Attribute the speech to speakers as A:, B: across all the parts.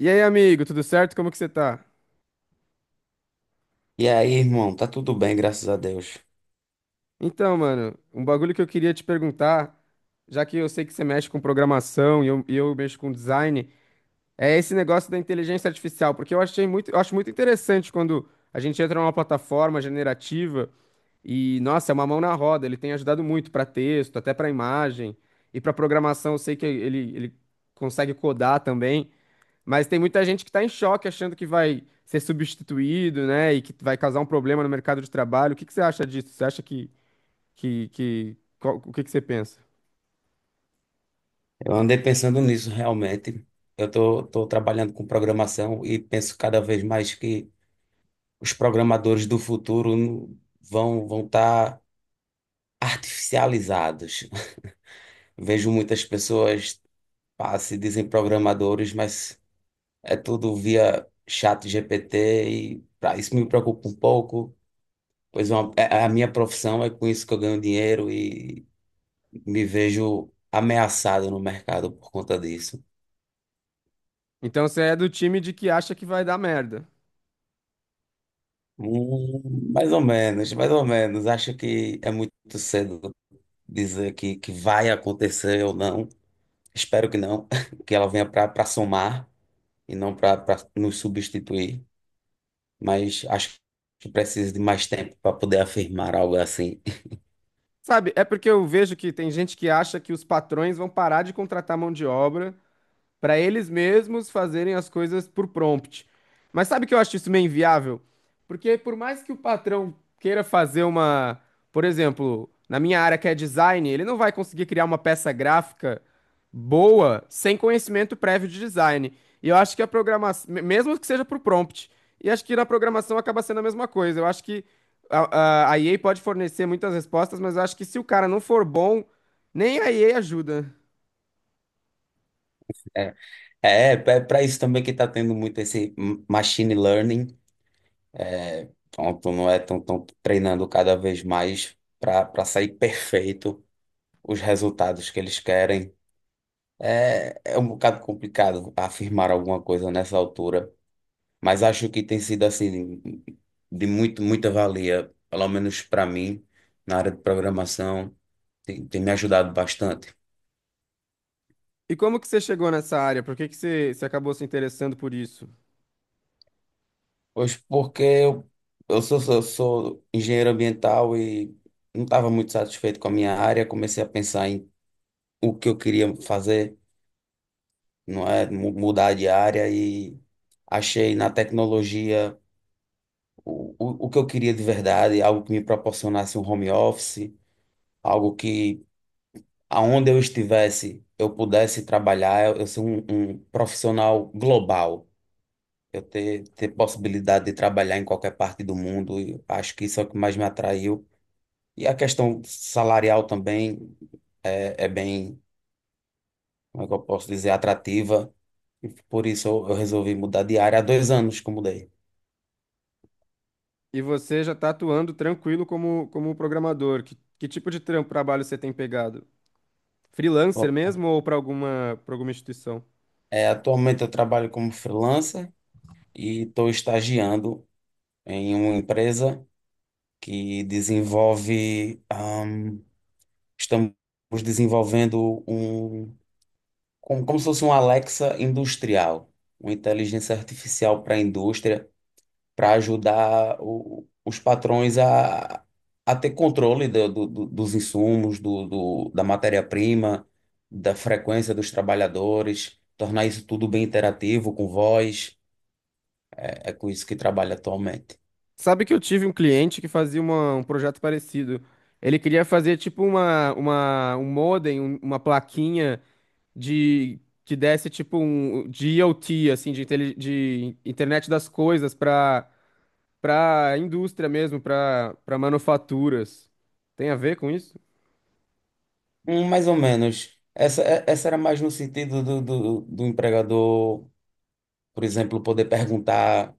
A: E aí, amigo, tudo certo? Como que você tá?
B: E aí, irmão, tá tudo bem, graças a Deus.
A: Então, mano, um bagulho que eu queria te perguntar, já que eu sei que você mexe com programação e eu mexo com design, é esse negócio da inteligência artificial, porque eu achei muito, eu acho muito interessante quando a gente entra numa plataforma generativa e, nossa, é uma mão na roda, ele tem ajudado muito para texto, até para imagem, e para programação eu sei que ele consegue codar também. Mas tem muita gente que está em choque achando que vai ser substituído, né? E que vai causar um problema no mercado de trabalho. O que que você acha disso? Você acha o que que você pensa?
B: Eu andei pensando nisso realmente. Eu tô trabalhando com programação e penso cada vez mais que os programadores do futuro vão estar artificializados. Vejo muitas pessoas pá, se dizem programadores, mas é tudo via chat GPT e pá, isso me preocupa um pouco, pois é a minha profissão é com isso que eu ganho dinheiro e me vejo ameaçado no mercado por conta disso.
A: Então você é do time de que acha que vai dar merda.
B: Mais ou menos, mais ou menos. Acho que é muito cedo dizer que vai acontecer ou não. Espero que não, que ela venha para somar e não para nos substituir. Mas acho que precisa de mais tempo para poder afirmar algo assim.
A: Sabe, é porque eu vejo que tem gente que acha que os patrões vão parar de contratar mão de obra para eles mesmos fazerem as coisas por prompt. Mas sabe que eu acho isso meio inviável? Porque por mais que o patrão queira fazer uma, por exemplo, na minha área que é design, ele não vai conseguir criar uma peça gráfica boa sem conhecimento prévio de design. E eu acho que mesmo que seja por prompt, e acho que na programação acaba sendo a mesma coisa. Eu acho que a EA pode fornecer muitas respostas, mas eu acho que se o cara não for bom, nem a EA ajuda.
B: Para isso também que está tendo muito esse machine learning. Pronto, não é? Estão treinando cada vez mais para sair perfeito os resultados que eles querem. É, é um bocado complicado afirmar alguma coisa nessa altura, mas acho que tem sido assim de muita valia, pelo menos para mim, na área de programação, tem me ajudado bastante.
A: E como que você chegou nessa área? Por que que você acabou se interessando por isso?
B: Pois porque eu sou engenheiro ambiental e não estava muito satisfeito com a minha área, comecei a pensar em o que eu queria fazer, não é? Mudar de área e achei na tecnologia. O que eu queria de verdade, algo que me proporcionasse um home office, algo que aonde eu estivesse eu pudesse trabalhar, eu ser um profissional global, eu ter possibilidade de trabalhar em qualquer parte do mundo, e acho que isso é o que mais me atraiu. E a questão salarial também é bem, como é que eu posso dizer, atrativa, e por isso eu resolvi mudar de área há dois anos que eu mudei.
A: E você já está atuando tranquilo como, como programador. Que tipo de trabalho você tem pegado? Freelancer
B: Bom,
A: mesmo ou para alguma instituição?
B: é, atualmente eu trabalho como freelancer e estou estagiando em uma empresa que desenvolve. Estamos desenvolvendo um, como se fosse um Alexa industrial, uma inteligência artificial para a indústria, para ajudar os patrões a ter controle dos insumos, da matéria-prima, da frequência dos trabalhadores, tornar isso tudo bem interativo, com voz. É com isso que trabalha atualmente.
A: Sabe que eu tive um cliente que fazia um projeto parecido. Ele queria fazer tipo um modem, uma plaquinha de que desse tipo um de IoT, assim, de, de internet das coisas para para indústria mesmo, para para manufaturas. Tem a ver com isso?
B: Mais ou menos. Essa, essa era mais no sentido do empregador, por exemplo, poder perguntar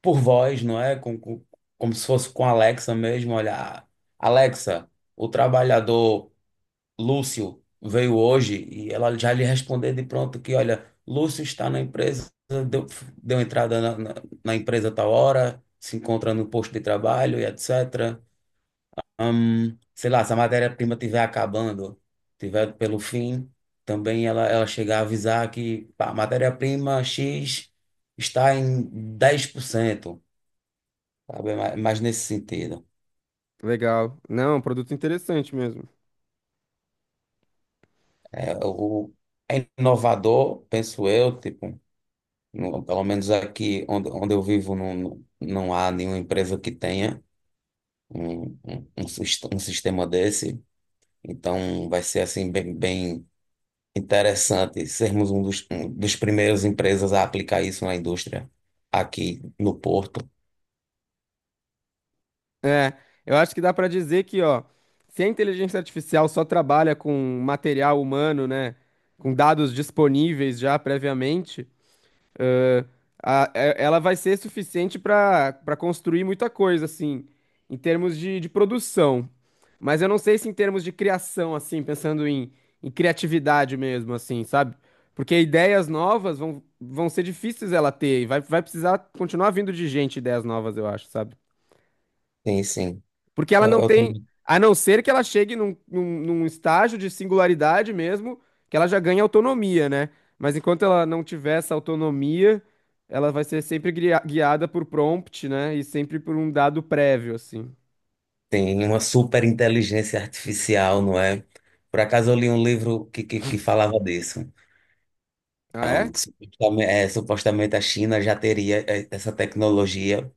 B: por voz, não é? Como se fosse com a Alexa mesmo. Olha, Alexa, o trabalhador Lúcio veio hoje e ela já lhe responder de pronto que, olha, Lúcio está na empresa, deu, deu entrada na empresa a tal hora, se encontra no posto de trabalho e etc. Sei lá, se a matéria-prima estiver acabando, tiver pelo fim, também ela chegar a avisar que pá, a matéria-prima X está em 10%, sabe? Mas nesse sentido.
A: Legal. Não, é um produto interessante mesmo.
B: É, o, É inovador, penso eu, tipo, pelo menos aqui onde eu vivo não há nenhuma empresa que tenha um sistema desse. Então vai ser assim bem interessante sermos um um dos primeiros empresas a aplicar isso na indústria aqui no Porto.
A: É, eu acho que dá para dizer que, ó, se a inteligência artificial só trabalha com material humano, né, com dados disponíveis já previamente, ela vai ser suficiente para para construir muita coisa, assim, em termos de produção. Mas eu não sei se em termos de criação, assim, pensando em, em criatividade mesmo, assim, sabe? Porque ideias novas vão, vão ser difíceis ela ter, e vai, vai precisar continuar vindo de gente ideias novas, eu acho, sabe?
B: Sim, sim.
A: Porque ela
B: Eu,
A: não
B: eu
A: tem,
B: também
A: a não ser que ela chegue num estágio de singularidade mesmo, que ela já ganha autonomia, né? Mas enquanto ela não tiver essa autonomia, ela vai ser sempre guiada por prompt, né? E sempre por um dado prévio, assim.
B: tenho uma super inteligência artificial, não é? Por acaso eu li um livro que falava disso.
A: Ah,
B: Ah,
A: é?
B: um, que supostamente, é, supostamente a China já teria é, essa tecnologia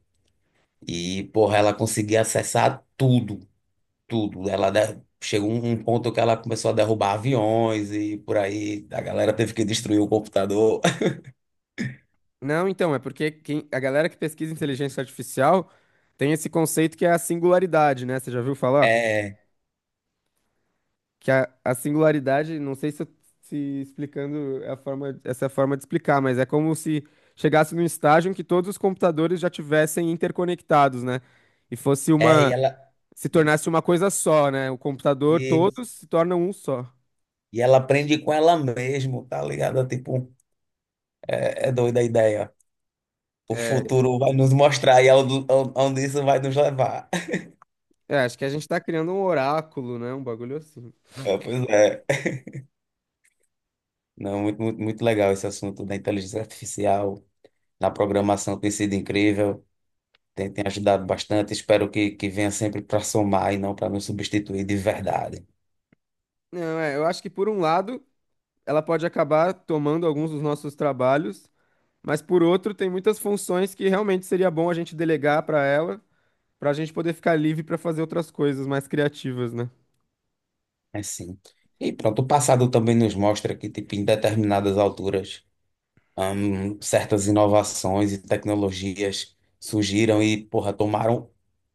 B: e, porra, ela conseguia acessar tudo, tudo. Chegou um ponto que ela começou a derrubar aviões e por aí a galera teve que destruir o computador.
A: Não, então, é porque a galera que pesquisa inteligência artificial tem esse conceito que é a singularidade, né? Você já viu falar?
B: É,
A: Que a singularidade, não sei se explicando é a forma, essa é a forma de explicar, mas é como se chegasse num estágio em que todos os computadores já tivessem interconectados, né? E
B: É, e ela,
A: se tornasse uma coisa só, né? O computador,
B: e,
A: todos se tornam um só.
B: e ela aprende com ela mesmo, tá ligado? Tipo, é doida a ideia. O
A: É,
B: futuro vai nos mostrar e aonde aonde isso vai nos levar.
A: é, acho que a gente tá criando um oráculo, né? Um bagulho assim.
B: É, pois é. Não, muito, muito, muito legal esse assunto da inteligência artificial, na programação tem sido incrível, tem ajudado bastante. Espero que venha sempre para somar e não para nos substituir de verdade.
A: Não, é, eu acho que por um lado, ela pode acabar tomando alguns dos nossos trabalhos, mas por outro, tem muitas funções que realmente seria bom a gente delegar para ela, para a gente poder ficar livre para fazer outras coisas mais criativas, né?
B: É sim. E pronto, o passado também nos mostra que, tipo, em determinadas alturas. Certas inovações e tecnologias surgiram e, porra, tomaram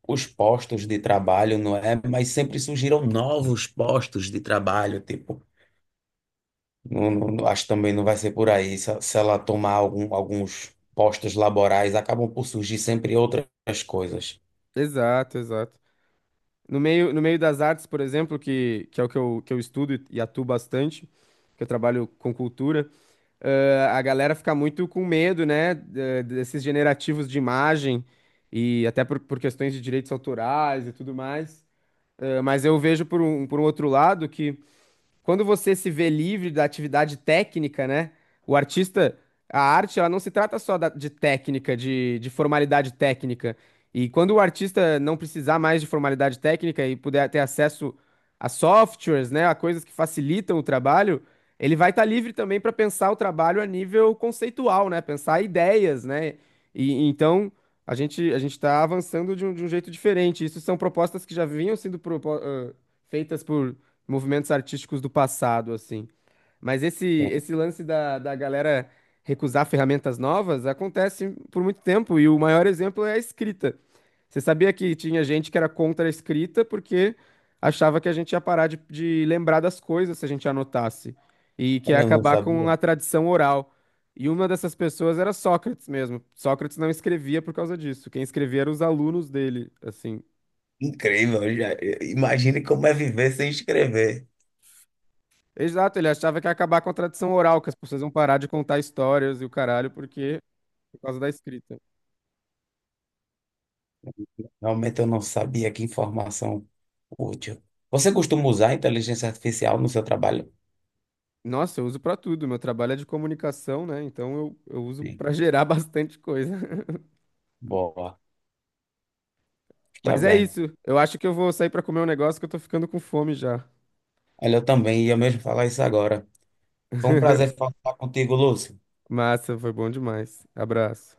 B: os postos de trabalho, não é? Mas sempre surgiram novos postos de trabalho, tipo, acho que também não vai ser por aí. Se ela tomar alguns postos laborais, acabam por surgir sempre outras coisas.
A: Exato, exato. No meio das artes, por exemplo, que é o que que eu estudo e atuo bastante, que eu trabalho com cultura, a galera fica muito com medo, né, desses generativos de imagem e até por questões de direitos autorais e tudo mais. Mas eu vejo por um outro lado que quando você se vê livre da atividade técnica, né? O artista, a arte, ela não se trata só de técnica, de formalidade técnica. E quando o artista não precisar mais de formalidade técnica e puder ter acesso a softwares, né, a coisas que facilitam o trabalho, ele vai estar livre também para pensar o trabalho a nível conceitual, né? Pensar ideias, né? E então a gente está avançando de um jeito diferente. Isso são propostas que já vinham sendo feitas por movimentos artísticos do passado, assim. Mas
B: Sim.
A: esse lance da galera recusar ferramentas novas acontece por muito tempo, e o maior exemplo é a escrita. Você sabia que tinha gente que era contra a escrita porque achava que a gente ia parar de lembrar das coisas se a gente anotasse, e que ia
B: Olha, eu não
A: acabar com
B: sabia.
A: a tradição oral. E uma dessas pessoas era Sócrates mesmo. Sócrates não escrevia por causa disso. Quem escrevia eram os alunos dele, assim.
B: Incrível, já, imagine como é viver sem escrever.
A: Exato, ele achava que ia acabar com a tradição oral, que as pessoas iam parar de contar histórias e o caralho, porque por causa da escrita.
B: Realmente eu não sabia que informação útil. Você costuma usar a inteligência artificial no seu trabalho?
A: Nossa, eu uso pra tudo. Meu trabalho é de comunicação, né? Então eu uso
B: Sim.
A: pra gerar bastante coisa.
B: Boa, está
A: Mas é
B: bem.
A: isso. Eu acho que eu vou sair pra comer um negócio que eu tô ficando com fome já.
B: Olha, eu também ia mesmo falar isso agora. Foi um prazer falar contigo, Lúcio.
A: Massa, foi bom demais. Abraço.